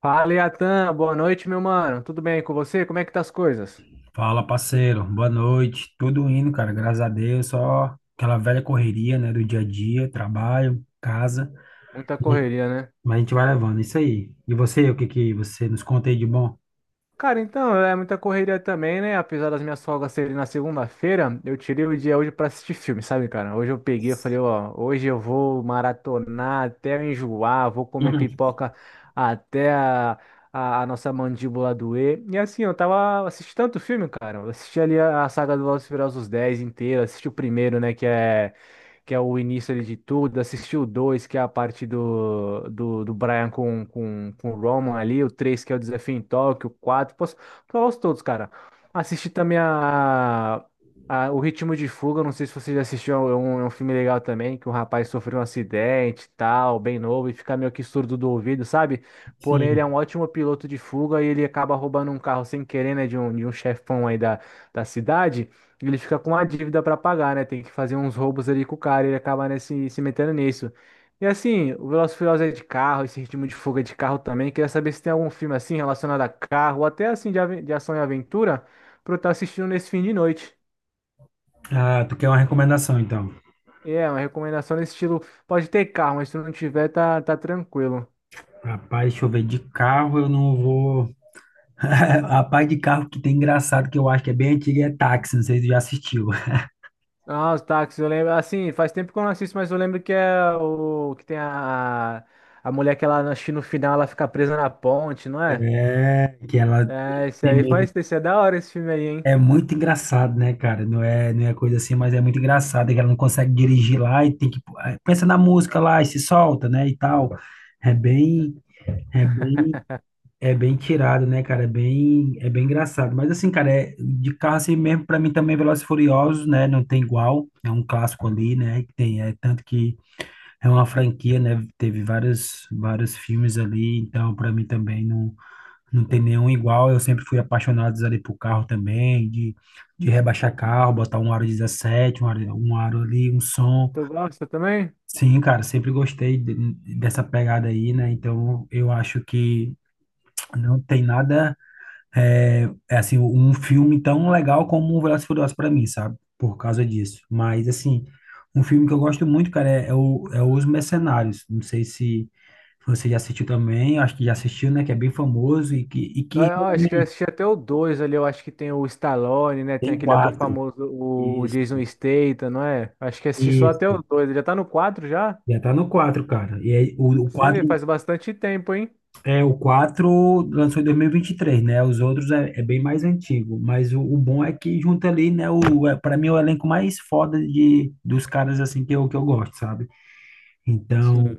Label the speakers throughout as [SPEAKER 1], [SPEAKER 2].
[SPEAKER 1] Fala, Yatan. Boa noite, meu mano. Tudo bem com você? Como é que tá as coisas?
[SPEAKER 2] Fala, parceiro. Boa noite. Tudo indo, cara. Graças a Deus. Só aquela velha correria, né? Do dia a dia, trabalho, casa.
[SPEAKER 1] Muita correria, né?
[SPEAKER 2] Mas a gente vai levando. Isso aí. E você, o que que você nos conta aí de bom?
[SPEAKER 1] Cara, então, é muita correria também, né? Apesar das minhas folgas serem na segunda-feira, eu tirei o dia hoje pra assistir filme, sabe, cara? Hoje eu peguei, eu falei, ó, hoje eu vou maratonar até eu enjoar, vou comer
[SPEAKER 2] Uhum.
[SPEAKER 1] pipoca até a nossa mandíbula doer. E assim, eu tava assistindo tanto filme, cara. Eu assisti ali a saga do Velozes e Furiosos Dez inteira, assisti o primeiro, né, que é o início ali de tudo, assisti o 2, que é a parte do Brian com o Roman ali, o 3 que é o desafio em Tóquio, o 4 posso falar os todos, cara. Assisti também O Ritmo de Fuga, não sei se você já assistiu, é um filme legal também, que um rapaz sofreu um acidente e tal, bem novo, e fica meio que surdo do ouvido, sabe? Porém, ele é
[SPEAKER 2] Sim.
[SPEAKER 1] um ótimo piloto de fuga e ele acaba roubando um carro sem querer, né, de um chefão aí da, da cidade. Ele fica com uma dívida para pagar, né? Tem que fazer uns roubos ali com o cara, e ele acaba, né, se metendo nisso. E assim, o Velozes e Furiosos é de carro, esse ritmo de fuga é de carro também. Queria saber se tem algum filme assim relacionado a carro, ou até assim de, de ação e aventura, pra eu estar assistindo nesse fim de noite.
[SPEAKER 2] Ah, tu quer uma recomendação, então?
[SPEAKER 1] É, uma recomendação nesse estilo. Pode ter carro, mas se não tiver, tá, tá tranquilo.
[SPEAKER 2] Rapaz, deixa eu ver. De carro eu não vou. Rapaz, de carro que tem engraçado, que eu acho que é bem antigo, é táxi. Não sei se tu já assistiu.
[SPEAKER 1] Ah, os táxis, eu lembro. Assim, faz tempo que eu não assisto, mas eu lembro que é o que tem a mulher que ela, acho que no final ela fica presa na ponte, não é?
[SPEAKER 2] É, que ela
[SPEAKER 1] É, esse
[SPEAKER 2] tem
[SPEAKER 1] aí
[SPEAKER 2] medo.
[SPEAKER 1] faz, esse é da hora esse filme aí, hein?
[SPEAKER 2] É muito engraçado, né, cara? Não é coisa assim, mas é muito engraçado. É que ela não consegue dirigir lá e tem que, pensa na música lá e se solta, né? E tal. É bem, é bem, é bem tirado, né, cara? É bem engraçado. Mas assim, cara, de carro assim mesmo, pra mim também é Velozes e Furiosos, né? Não tem igual. É um clássico ali, né? Que tem, é tanto que é uma franquia, né? Teve vários, vários filmes ali, então pra mim também não. Não tem nenhum igual. Eu sempre fui apaixonado ali por carro também, de rebaixar carro, botar um aro 17, um aro ali, um som.
[SPEAKER 1] Tu gosta também?
[SPEAKER 2] Sim, cara, sempre gostei dessa pegada aí, né? Então eu acho que não tem nada, é, assim, um filme tão legal como o Velozes e Furiosos pra mim, sabe? Por causa disso. Mas, assim, um filme que eu gosto muito, cara, é Os Mercenários. Não sei se. Você já assistiu também, acho que já assistiu, né? Que é bem famoso e que.
[SPEAKER 1] Ah, acho que eu assisti até o 2 ali, eu acho que tem o Stallone, né? Tem
[SPEAKER 2] Tem
[SPEAKER 1] aquele ator
[SPEAKER 2] quatro.
[SPEAKER 1] famoso, o
[SPEAKER 2] Isso,
[SPEAKER 1] Jason Statham, não é? Acho que assisti só até
[SPEAKER 2] isso.
[SPEAKER 1] o 2, já tá no 4 já?
[SPEAKER 2] Já tá no 4, cara. E aí, o
[SPEAKER 1] Você vê,
[SPEAKER 2] 4
[SPEAKER 1] faz bastante tempo, hein?
[SPEAKER 2] é o quatro lançou em dois mil e vinte e três, né? Os outros é bem mais antigo, mas o bom é que junta ali, né, para mim é o elenco mais foda de dos caras assim que eu gosto, sabe?
[SPEAKER 1] Sim.
[SPEAKER 2] Então,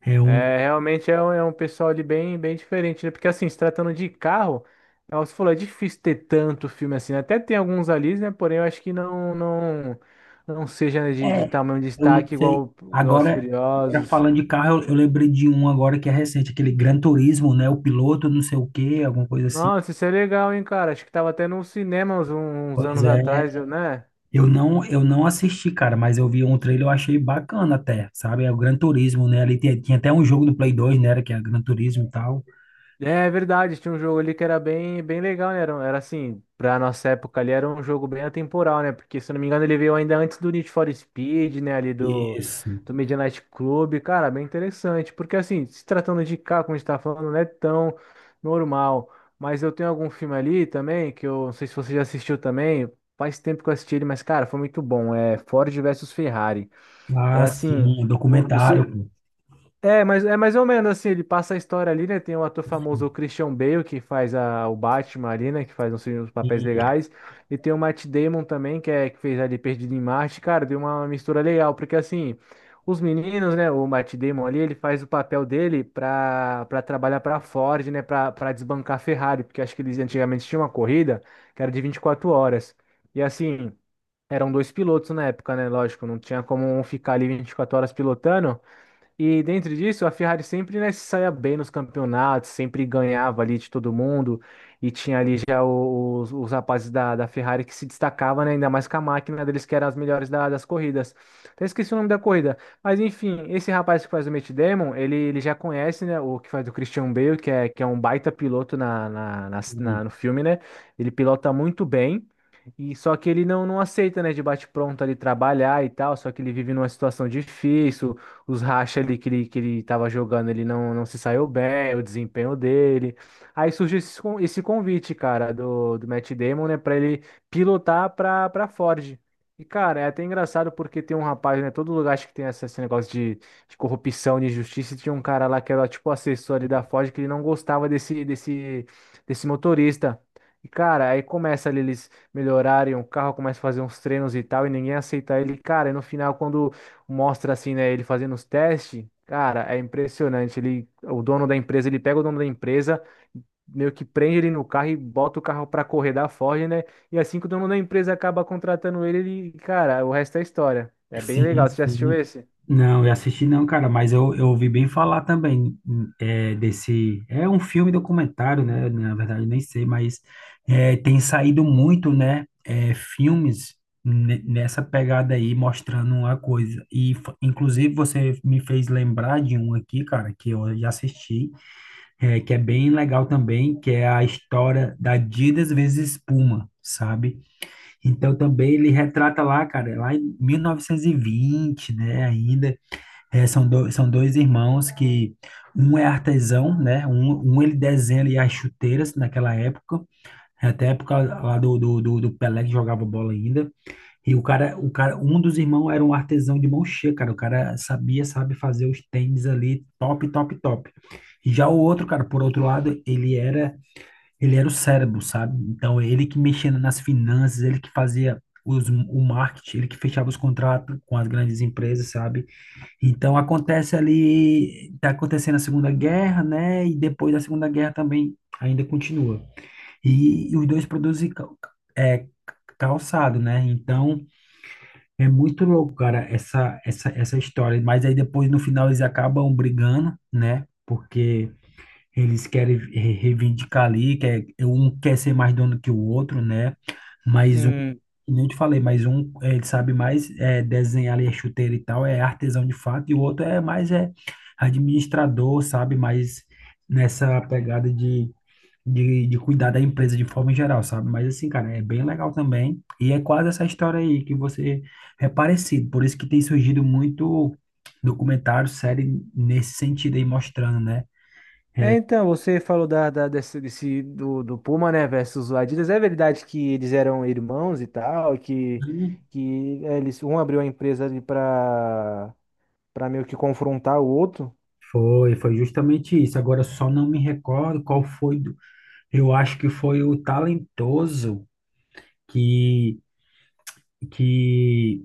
[SPEAKER 2] é um
[SPEAKER 1] É, realmente é um pessoal ali bem, bem diferente, né? Porque assim, se tratando de carro, é, você falou, é difícil ter tanto filme assim, né? Até tem alguns ali, né? Porém, eu acho que não seja né, de
[SPEAKER 2] é,
[SPEAKER 1] tamanho de
[SPEAKER 2] eu não
[SPEAKER 1] destaque
[SPEAKER 2] sei.
[SPEAKER 1] igual o Velozes e
[SPEAKER 2] Agora,
[SPEAKER 1] Furiosos.
[SPEAKER 2] falando de carro, eu lembrei de um agora que é recente, aquele Gran Turismo, né? O piloto, não sei o quê, alguma coisa assim.
[SPEAKER 1] Nossa, isso é legal, hein, cara? Acho que tava até num cinema uns, uns
[SPEAKER 2] Pois
[SPEAKER 1] anos
[SPEAKER 2] é.
[SPEAKER 1] atrás, eu- né?
[SPEAKER 2] Eu não assisti, cara, mas eu vi um trailer, eu achei bacana até, sabe? É o Gran Turismo, né? Ali tinha até um jogo do Play 2, né? Que é Gran Turismo e tal.
[SPEAKER 1] É, é verdade, tinha um jogo ali que era bem, bem legal, né? Era, um- era assim, pra nossa época ali, era um jogo bem atemporal, né? Porque, se eu não me engano, ele veio ainda antes do Need for Speed, né? Ali do,
[SPEAKER 2] Isso.
[SPEAKER 1] do Midnight Club. Cara, bem interessante. Porque, assim, se tratando de carro como a gente tá falando, não é tão normal. Mas eu tenho algum filme ali também, que eu não sei se você já assistiu também. Faz tempo que eu assisti ele, mas, cara, foi muito bom. É Ford versus Ferrari. É
[SPEAKER 2] Ah,
[SPEAKER 1] assim,
[SPEAKER 2] sim, documentário,
[SPEAKER 1] você
[SPEAKER 2] pô.
[SPEAKER 1] é, mas é mais ou menos assim, ele passa a história ali, né? Tem um ator famoso, o Christian Bale, que o Batman ali, né, que faz uns, uns papéis
[SPEAKER 2] E,
[SPEAKER 1] legais, e tem o Matt Damon também, que é que fez ali Perdido em Marte, cara, deu uma mistura legal, porque assim, os meninos, né, o Matt Damon ali, ele faz o papel dele pra, pra trabalhar pra Ford, né, pra, pra desbancar a Ferrari, porque acho que eles antigamente tinham uma corrida que era de 24 horas. E assim, eram dois pilotos na época, né? Lógico, não tinha como um ficar ali 24 horas pilotando. E dentro disso, a Ferrari sempre, né, se saía bem nos campeonatos, sempre ganhava ali de todo mundo. E tinha ali já os rapazes da, da Ferrari que se destacavam, né, ainda mais com a máquina deles, que eram as melhores das corridas. Até esqueci o nome da corrida. Mas enfim, esse rapaz que faz o Matt Damon, ele já conhece, né, o que faz o Christian Bale, que é um baita piloto no filme, né? Ele pilota muito bem. E só que ele não, não aceita, né, de bate-pronto ali trabalhar e tal, só que ele vive numa situação difícil os racha ali que ele tava jogando, ele não, não se saiu bem, o desempenho dele. Aí surge esse, esse convite, cara, do, do Matt Damon, né, pra ele pilotar pra, pra Ford. E, cara, é até engraçado porque tem um rapaz, né? Todo lugar acho que tem esse negócio de corrupção, de injustiça. E tinha um cara lá que era tipo assessor ali da Ford que ele não gostava desse motorista. E, cara, aí começa ali eles melhorarem o carro, começa a fazer uns treinos e tal, e ninguém aceita ele. Cara, e no final, quando mostra assim, né, ele fazendo os testes, cara, é impressionante. Ele, o dono da empresa, ele pega o dono da empresa, meio que prende ele no carro e bota o carro pra correr da Ford, né? E assim que o dono da empresa acaba contratando ele, ele, cara, o resto é história. É bem
[SPEAKER 2] Sim,
[SPEAKER 1] legal. Você já assistiu
[SPEAKER 2] sim.
[SPEAKER 1] esse?
[SPEAKER 2] Não, eu assisti não, cara, mas eu ouvi bem falar também, desse. É um filme documentário, né? Na verdade, nem sei, mas tem saído muito, né? Filmes nessa pegada aí, mostrando uma coisa. E, inclusive, você me fez lembrar de um aqui, cara, que eu já assisti, que é bem legal também, que é a história da Adidas vezes Puma, sabe? Então também ele retrata lá, cara, lá em 1920, né, ainda. São dois irmãos que um é artesão, né, um ele desenha ali as chuteiras naquela época, até a época lá do Pelé que jogava bola ainda. E o cara, um dos irmãos era um artesão de mão cheia, cara, o cara sabia, sabe fazer os tênis ali, top, top, top. E já o outro, cara, por outro lado, ele era o cérebro, sabe? Então, ele que mexia nas finanças, ele que fazia o marketing, ele que fechava os contratos com as grandes empresas, sabe? Então, acontece ali, tá acontecendo a Segunda Guerra, né? E depois da Segunda Guerra também ainda continua. E os dois produzem é, calçado, né? Então, é muito louco, cara, essa história. Mas aí depois, no final, eles acabam brigando, né? Porque eles querem reivindicar ali, um quer ser mais dono que o outro, né? Mas um, que
[SPEAKER 1] Hum,
[SPEAKER 2] nem eu te falei, mas um, ele sabe mais, desenhar ali a chuteira e tal, é artesão de fato, e o outro é mais, administrador, sabe? Mais nessa pegada de cuidar da empresa de forma geral, sabe? Mas assim, cara, é bem legal também. E é quase essa história aí que você é parecido, por isso que tem surgido muito documentário, série nesse sentido aí, mostrando,
[SPEAKER 1] É, então, você falou da, desse, do, do Puma, né, versus o Adidas. É verdade que eles eram irmãos e tal,
[SPEAKER 2] né?
[SPEAKER 1] que é, eles, um abriu a empresa ali para para meio que confrontar o outro
[SPEAKER 2] Foi justamente isso. Agora só não me recordo qual foi. Eu acho que foi o talentoso que que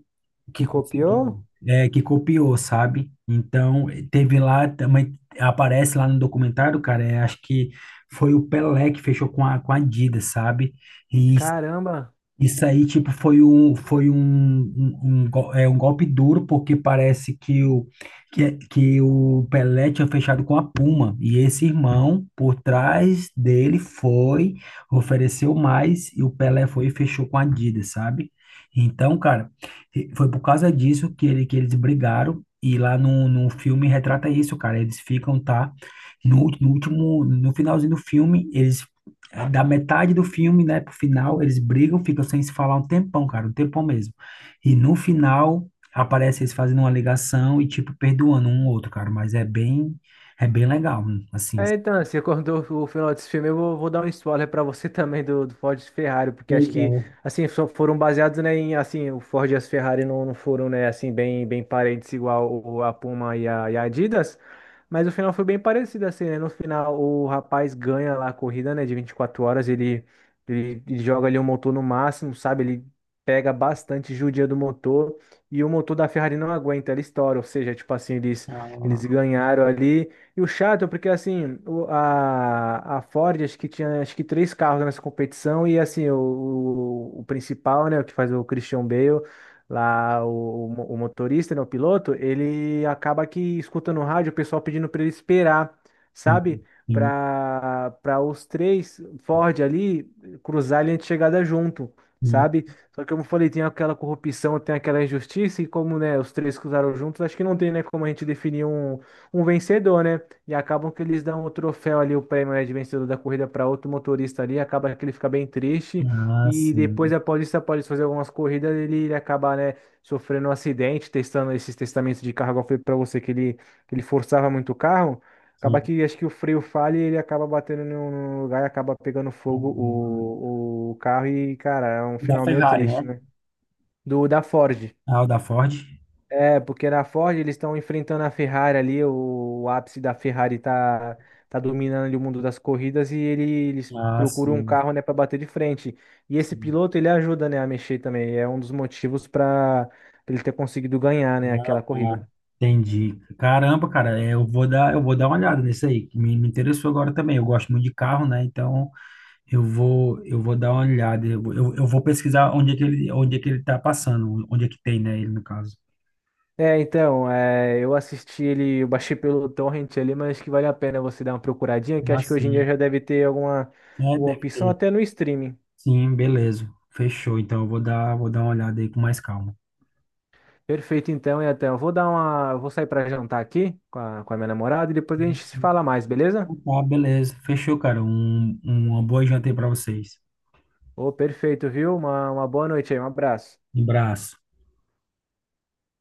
[SPEAKER 1] que
[SPEAKER 2] que conseguiu,
[SPEAKER 1] copiou?
[SPEAKER 2] que copiou, sabe? Então teve lá também aparece lá no documentário, cara. Acho que foi o Pelé que fechou com a Adidas, sabe? E
[SPEAKER 1] Caramba!
[SPEAKER 2] isso aí, tipo, foi um, um, um go- um golpe duro, porque parece que o Pelé tinha fechado com a Puma, e esse irmão, por trás dele, ofereceu mais, e o Pelé foi e fechou com a Adidas, sabe? Então, cara, e foi por causa disso que eles brigaram, e lá no filme retrata isso, cara, eles ficam, tá? No último, no finalzinho do filme, eles. Da metade do filme, né, pro final, eles brigam, ficam sem se falar um tempão, cara, um tempão mesmo. E no final, aparece eles fazendo uma ligação e, tipo, perdoando um ao outro, cara. Mas é bem legal, assim.
[SPEAKER 1] É, então, você acordou o final desse filme, eu vou, vou dar um spoiler pra você também do, do Ford e Ferrari, porque acho
[SPEAKER 2] Pois
[SPEAKER 1] que,
[SPEAKER 2] é.
[SPEAKER 1] assim, só foram baseados, né, em, assim, o Ford e as Ferrari não, não foram, né, assim, bem, bem parentes igual o, a Puma e a Adidas, mas o final foi bem parecido, assim, né, no final o rapaz ganha lá a corrida, né, de 24 horas, ele joga ali o motor no máximo, sabe, ele pega bastante judia do motor, e o motor da Ferrari não aguenta, ele estoura, ou seja, tipo assim, eles
[SPEAKER 2] Ah,
[SPEAKER 1] ganharam ali, e o chato é porque, assim, a Ford, acho que tinha acho que três carros nessa competição, e, assim, o principal, né, o que faz o Christian Bale, lá, o motorista, né, o piloto, ele acaba que escutando no rádio o pessoal pedindo para ele esperar, sabe?
[SPEAKER 2] sim, sim,
[SPEAKER 1] Para os três Ford ali cruzar a linha de chegada junto,
[SPEAKER 2] sim.
[SPEAKER 1] sabe? Só que, como eu falei, tem aquela corrupção, tem aquela injustiça, e como, né, os três cruzaram juntos, acho que não tem, né, como a gente definir um vencedor, né? E acabam que eles dão o troféu ali, o prêmio, né, de vencedor da corrida para outro motorista ali, acaba que ele fica bem triste
[SPEAKER 2] Ah,
[SPEAKER 1] e depois
[SPEAKER 2] sim,
[SPEAKER 1] após isso, após fazer algumas corridas, ele acaba, né, sofrendo um acidente, testando esses testamentos de carro, igual eu falei para você que ele forçava muito o carro, acaba
[SPEAKER 2] sim.
[SPEAKER 1] que acho que o freio falha e ele acaba batendo em um lugar e acaba pegando fogo
[SPEAKER 2] Hum.
[SPEAKER 1] o carro e, cara, é um
[SPEAKER 2] Da
[SPEAKER 1] final meio
[SPEAKER 2] Ferrari, né?
[SPEAKER 1] triste, né? Do da Ford.
[SPEAKER 2] Ah, o da Ford.
[SPEAKER 1] É, porque na Ford eles estão enfrentando a Ferrari ali, o ápice da Ferrari tá, tá dominando ali o mundo das corridas e eles
[SPEAKER 2] Ah,
[SPEAKER 1] procuram um
[SPEAKER 2] sim,
[SPEAKER 1] carro, né, para bater de frente. E esse
[SPEAKER 2] sim.
[SPEAKER 1] piloto, ele ajuda, né, a mexer também, é um dos motivos para ele ter conseguido ganhar, né,
[SPEAKER 2] Ah,
[SPEAKER 1] aquela
[SPEAKER 2] tá.
[SPEAKER 1] corrida.
[SPEAKER 2] Entendi. Caramba, cara, eu vou dar uma olhada nisso aí, que me interessou agora também. Eu gosto muito de carro, né? Então eu vou dar uma olhada. Eu vou pesquisar onde é que ele, tá passando, onde é que tem, né, ele no caso.
[SPEAKER 1] É, então, é, eu assisti ele, eu baixei pelo torrent ali, mas acho que vale a pena você dar uma procuradinha, que
[SPEAKER 2] Ah,
[SPEAKER 1] acho que hoje em dia
[SPEAKER 2] sim.
[SPEAKER 1] já deve ter
[SPEAKER 2] É,
[SPEAKER 1] alguma
[SPEAKER 2] deve
[SPEAKER 1] opção
[SPEAKER 2] ter.
[SPEAKER 1] até no streaming.
[SPEAKER 2] Sim, beleza. Fechou. Então eu vou dar uma olhada aí com mais calma.
[SPEAKER 1] Perfeito, então, e até eu vou dar uma, eu vou sair para jantar aqui com a minha namorada e depois a gente se
[SPEAKER 2] Ah,
[SPEAKER 1] fala mais, beleza?
[SPEAKER 2] tá, beleza. Fechou, cara. Uma boa janta aí pra vocês.
[SPEAKER 1] Ô, perfeito, viu? Uma boa noite aí, um abraço.
[SPEAKER 2] Um abraço.